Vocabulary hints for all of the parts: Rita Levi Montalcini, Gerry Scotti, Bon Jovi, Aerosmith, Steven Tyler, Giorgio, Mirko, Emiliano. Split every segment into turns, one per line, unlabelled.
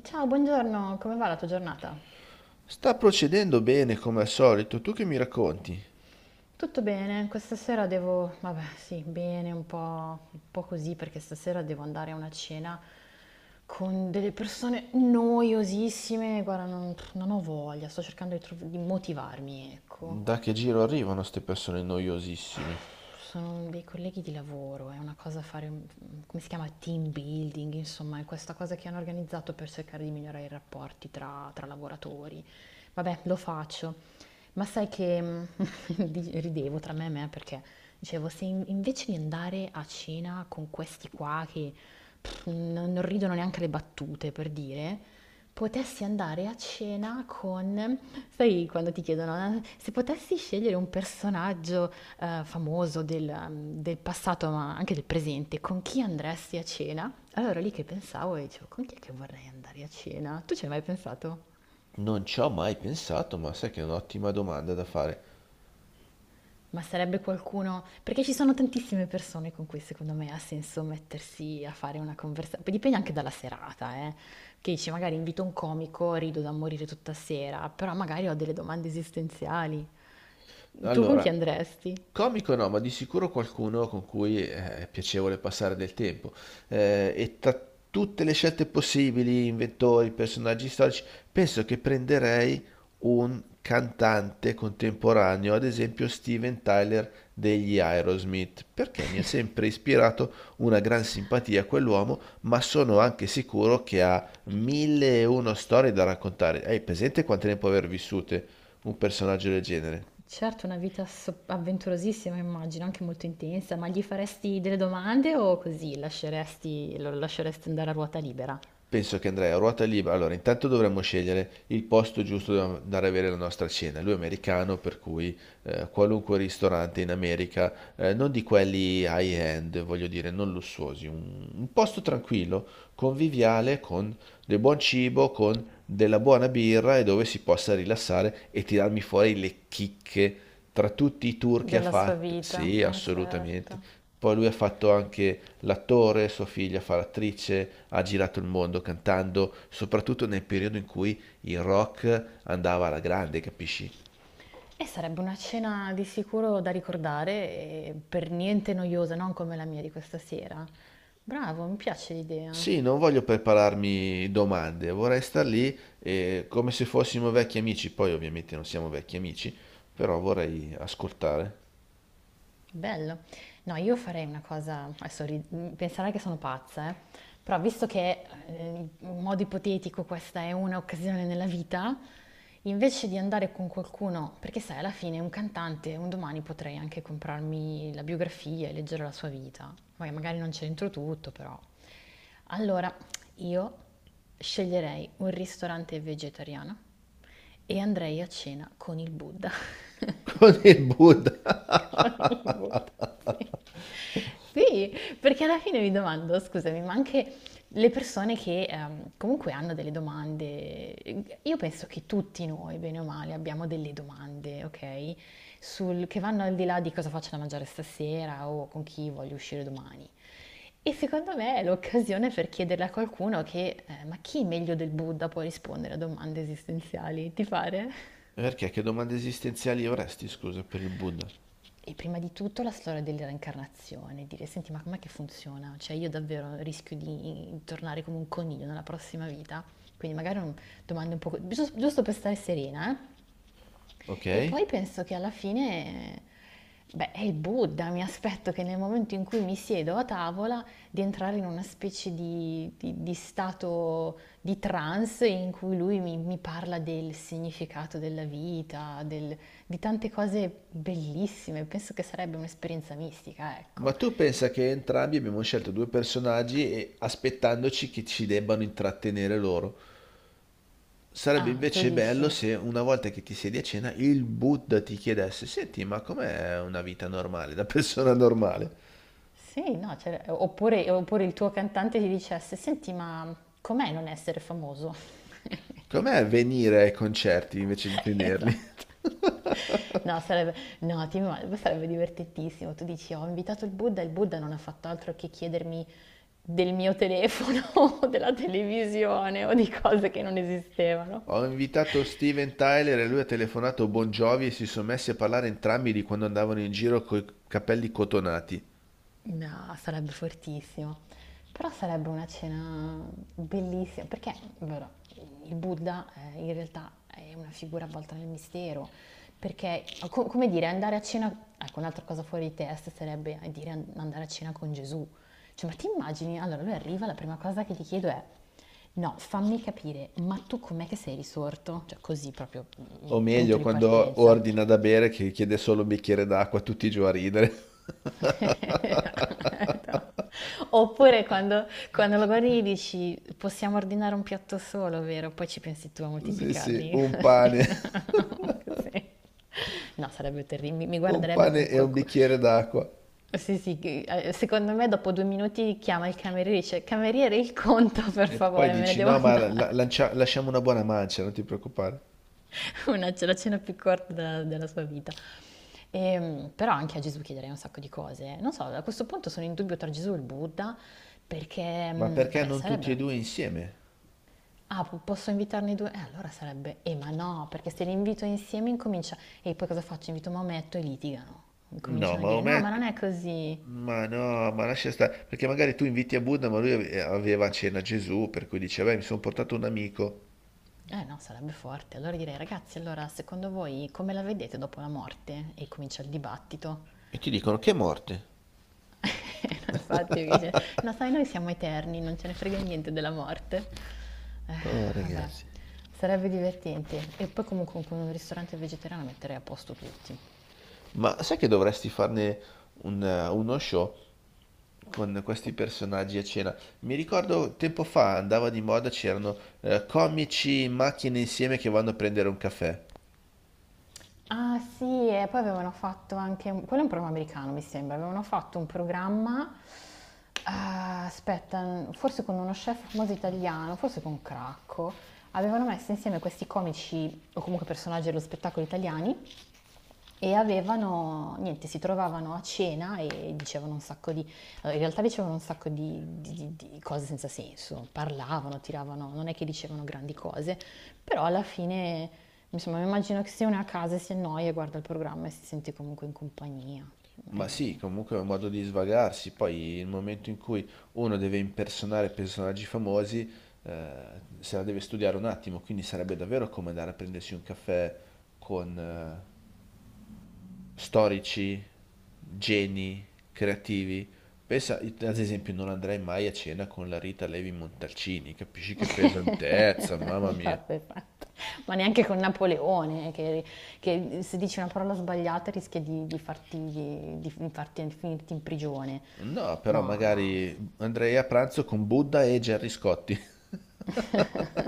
Ciao, buongiorno, come va la tua giornata?
Sta procedendo bene come al solito, tu che mi racconti?
Tutto bene, questa sera devo, vabbè, sì, bene, un po' così, perché stasera devo andare a una cena con delle persone noiosissime, guarda, non ho voglia, sto cercando di, di motivarmi, ecco.
Da che giro arrivano ste persone noiosissime?
Sono dei colleghi di lavoro, è una cosa fare, come si chiama, team building, insomma, è questa cosa che hanno organizzato per cercare di migliorare i rapporti tra lavoratori. Vabbè, lo faccio. Ma sai che ridevo tra me e me perché dicevo, se invece di andare a cena con questi qua che pff, non ridono neanche le battute, per dire, potessi andare a cena con, sai, quando ti chiedono, se potessi scegliere un personaggio famoso del, del passato, ma anche del presente, con chi andresti a cena? Allora lì che pensavo e dicevo, con chi è che vorrei andare a cena? Tu ci hai mai pensato?
Non ci ho mai pensato, ma sai che è un'ottima domanda da fare.
Ma sarebbe qualcuno, perché ci sono tantissime persone con cui secondo me ha senso mettersi a fare una conversazione, poi dipende anche dalla serata, eh. Che dici, magari invito un comico, rido da morire tutta sera, però magari ho delle domande esistenziali. Tu con chi
Allora,
andresti?
comico no, ma di sicuro qualcuno con cui è piacevole passare del tempo. E tra tutte le scelte possibili, inventori, personaggi storici, penso che prenderei un cantante contemporaneo, ad esempio Steven Tyler degli Aerosmith, perché mi ha sempre ispirato una gran simpatia a quell'uomo, ma sono anche sicuro che ha mille e uno storie da raccontare. Hai presente quante ne può aver vissute un personaggio del genere?
Certo, una vita avventurosissima, immagino, anche molto intensa, ma gli faresti delle domande o così lo lasceresti andare a ruota libera?
Penso che andrei a ruota libera. Allora, intanto dovremmo scegliere il posto giusto dove andare a avere la nostra cena. Lui è americano, per cui qualunque ristorante in America, non di quelli high-end, voglio dire, non lussuosi, un posto tranquillo, conviviale, con del buon cibo, con della buona birra e dove si possa rilassare e tirarmi fuori le chicche tra tutti i tour che ha
Della sua
fatto.
vita.
Sì, assolutamente.
Certo.
Poi lui ha fatto anche l'attore, sua figlia fa l'attrice, ha girato il mondo cantando, soprattutto nel periodo in cui il rock andava alla grande, capisci?
E sarebbe una cena di sicuro da ricordare e per niente noiosa, non come la mia di questa sera. Bravo, mi piace l'idea.
Sì, non voglio prepararmi domande, vorrei star lì come se fossimo vecchi amici, poi ovviamente non siamo vecchi amici, però vorrei ascoltare.
Bello. No, io farei una cosa, adesso penserai che sono pazza, eh. Però visto che in modo ipotetico questa è un'occasione nella vita, invece di andare con qualcuno, perché sai, alla fine un cantante, un domani potrei anche comprarmi la biografia e leggere la sua vita. Poi magari non c'entro tutto, però. Allora, io sceglierei un ristorante vegetariano e andrei a cena con il Buddha.
Con il Buddha.
Sì. Sì, perché alla fine mi domando, scusami, ma anche le persone che comunque hanno delle domande, io penso che tutti noi, bene o male, abbiamo delle domande, ok? Sul, che vanno al di là di cosa faccio da mangiare stasera o con chi voglio uscire domani. E secondo me è l'occasione per chiederle a qualcuno che, ma chi meglio del Buddha può rispondere a domande esistenziali? Ti pare?
Perché che domande esistenziali avresti, scusa, per il Buddha?
E prima di tutto la storia della reincarnazione, dire senti ma com'è che funziona? Cioè io davvero rischio di tornare come un coniglio nella prossima vita? Quindi magari un, domande un po', giusto, giusto per stare serena, eh?
Ok?
E poi penso che alla fine, beh, è il Buddha, mi aspetto che nel momento in cui mi siedo a tavola di entrare in una specie di, di stato di trance in cui lui mi parla del significato della vita, di tante cose bellissime. Penso che sarebbe un'esperienza mistica, ecco.
Ma tu pensa che entrambi abbiamo scelto due personaggi e aspettandoci che ci debbano intrattenere loro. Sarebbe
Ah, tu
invece bello
dici?
se una volta che ti siedi a cena il Buddha ti chiedesse, senti, ma com'è una vita normale, da persona normale?
Sì, no, cioè, oppure il tuo cantante ti dicesse, senti, ma com'è non essere famoso?
Com'è venire ai concerti invece di tenerli?
Esatto. No, sarebbe, no, sarebbe divertentissimo. Tu dici, ho invitato il Buddha non ha fatto altro che chiedermi del mio telefono, o della televisione o di cose che non esistevano.
Ho invitato Steven Tyler e lui ha telefonato Bon Jovi e si sono messi a parlare entrambi di quando andavano in giro coi capelli cotonati.
No, sarebbe fortissimo. Però sarebbe una cena bellissima, perché vero, il Buddha in realtà è una figura avvolta nel mistero, perché come dire, andare a cena, ecco un'altra cosa fuori di testa sarebbe dire andare a cena con Gesù. Cioè, ma ti immagini? Allora lui arriva, la prima cosa che gli chiedo è, no, fammi capire, ma tu com'è che sei risorto? Cioè così proprio,
O
punto
meglio,
di
quando
partenza.
ordina da bere che chiede solo un bicchiere d'acqua, tutti giù a ridere.
No. Oppure quando lo guardi gli dici possiamo ordinare un piatto solo, vero? Poi ci pensi tu a
Sì, sì,
moltiplicarli.
un pane.
Così. No, sarebbe terribile, mi
Un
guarderebbe
pane
con...
e un bicchiere d'acqua.
Sì, sì, secondo me dopo 2 minuti chiama il cameriere e dice cameriere il conto per
E poi
favore, me ne
dici,
devo
no, ma
andare.
lasciamo una buona mancia, non ti preoccupare.
Una, la cena più corta della, della sua vita. Però anche a Gesù chiederei un sacco di cose. Non so, a questo punto sono in dubbio tra Gesù e il Buddha, perché,
Ma perché
vabbè,
non tutti e
sarebbero...
due insieme?
Ah, posso invitarne due? Allora sarebbe... ma no, perché se li invito insieme incomincia... E poi cosa faccio? Invito Maometto e litigano.
No,
Cominciano a
ma
dire, no, ma non
ometto...
è così.
Ma no, ma lascia stare. Perché magari tu inviti a Buddha, ma aveva a cena Gesù, per cui dice, beh, mi sono portato un amico.
Eh no, sarebbe forte. Allora direi, ragazzi, allora secondo voi come la vedete dopo la morte? E comincia il dibattito.
E ti dicono, che morte.
Infatti, perché dice, no, sai, noi siamo eterni, non ce ne frega niente della morte. Eh,
Oh,
vabbè,
ragazzi.
sarebbe divertente. E poi comunque con un ristorante vegetariano metterei a posto tutti.
Ma sai che dovresti farne uno show? Con questi personaggi a cena. Mi ricordo tempo fa andava di moda, c'erano comici in macchina insieme che vanno a prendere un caffè.
Ah sì, e poi avevano fatto anche, quello è un programma americano mi sembra, avevano fatto un programma, ah, aspetta, forse con uno chef famoso italiano, forse con Cracco, avevano messo insieme questi comici o comunque personaggi dello spettacolo italiani. E avevano, niente, si trovavano a cena e dicevano un sacco di, in realtà dicevano un sacco di, di cose senza senso, parlavano, tiravano, non è che dicevano grandi cose, però alla fine, insomma, mi immagino che se uno è a casa e si annoia, guarda il programma e si sente comunque in compagnia.
Ma sì,
Eh,
comunque è un modo di svagarsi. Poi il momento in cui uno deve impersonare personaggi famosi, eh, se la deve studiare un attimo, quindi sarebbe davvero come andare a prendersi un caffè con, storici, geni, creativi. Pensa, ad esempio, non andrei mai a cena con la Rita Levi Montalcini, capisci che pesantezza, mamma mia.
vabbè, fatta. Ma neanche con Napoleone, che se dici una parola sbagliata rischia di farti, di finirti in prigione.
No, però
No, no,
magari andrei a pranzo con Buddha e Gerry Scotti.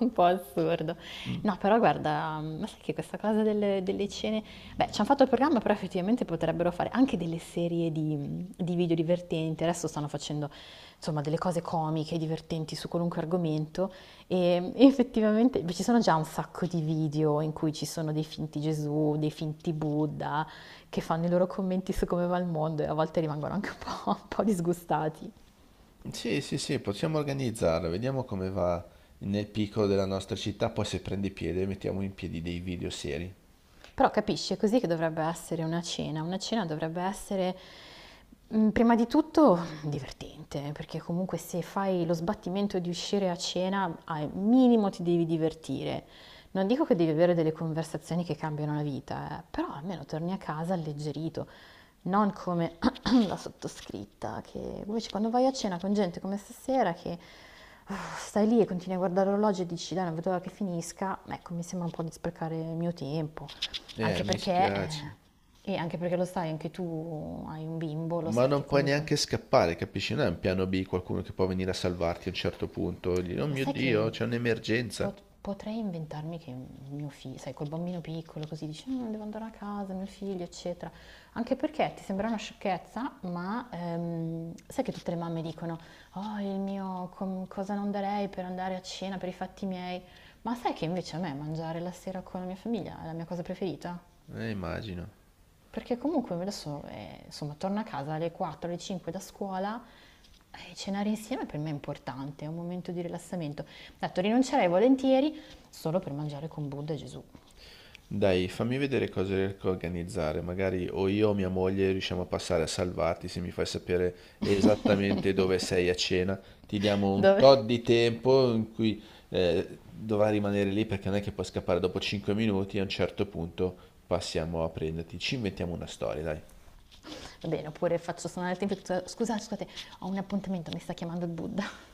un po' assurdo. No, però guarda, ma sai che questa cosa delle, delle cene... Beh, ci hanno fatto il programma, però effettivamente potrebbero fare anche delle serie di video divertenti. Adesso stanno facendo, insomma, delle cose comiche, divertenti su qualunque argomento. E effettivamente, beh, ci sono già un sacco di video in cui ci sono dei finti Gesù, dei finti Buddha, che fanno i loro commenti su come va il mondo e a volte rimangono anche un po', un po' disgustati.
Sì, sì, sì, possiamo organizzarlo, vediamo come va nel piccolo della nostra città, poi se prende piede mettiamo in piedi dei video seri.
Però capisci, è così che dovrebbe essere una cena. Una cena dovrebbe essere prima di tutto divertente, perché comunque se fai lo sbattimento di uscire a cena, al minimo ti devi divertire. Non dico che devi avere delle conversazioni che cambiano la vita, però almeno torni a casa alleggerito, non come la sottoscritta, che invece quando vai a cena con gente come stasera che stai lì e continui a guardare l'orologio e dici dai non vedo l'ora che finisca, ecco mi sembra un po' di sprecare il mio tempo, anche
Mi
perché,
spiace.
e anche perché lo sai, anche tu hai un bimbo, lo
Ma
sai
non
che
puoi neanche
comunque.
scappare, capisci? Non è un piano B, qualcuno che può venire a salvarti a un certo punto, e dire, oh
Ma
mio
sai che
Dio, c'è un'emergenza.
potrei inventarmi che mio figlio, sai, col bambino piccolo così dice, "Mm, devo andare a casa, mio figlio, eccetera. Anche perché ti sembra una sciocchezza, ma sai che tutte le mamme dicono, oh, il mio, cosa non darei per andare a cena, per i fatti miei. Ma sai che invece a me mangiare la sera con la mia famiglia è la mia cosa preferita?
Immagino.
Perché comunque adesso, insomma, torno a casa alle 4, alle 5 da scuola, cenare insieme per me è importante, è un momento di rilassamento. Detto, rinuncerei volentieri solo per mangiare con Buddha e Gesù.
Dai, fammi vedere cosa riesco a organizzare. Magari o io o mia moglie riusciamo a passare a salvarti se mi fai sapere esattamente dove sei a cena. Ti diamo un
Dove?
tot di tempo in cui dovrai rimanere lì perché non è che puoi scappare dopo 5 minuti. A un certo punto passiamo a prenderti. Ci inventiamo una storia, dai.
Va bene, oppure faccio suonare il tempio, scusate, scusate, ho un appuntamento, mi sta chiamando il Buddha.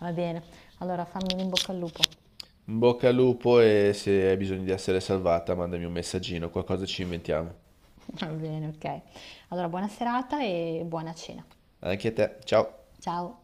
Va bene, allora fammi un in bocca al lupo.
In bocca al lupo e se hai bisogno di essere salvata, mandami un messaggino, qualcosa ci inventiamo.
Va bene, ok. Allora, buona serata e buona cena.
Anche a te, ciao!
Ciao.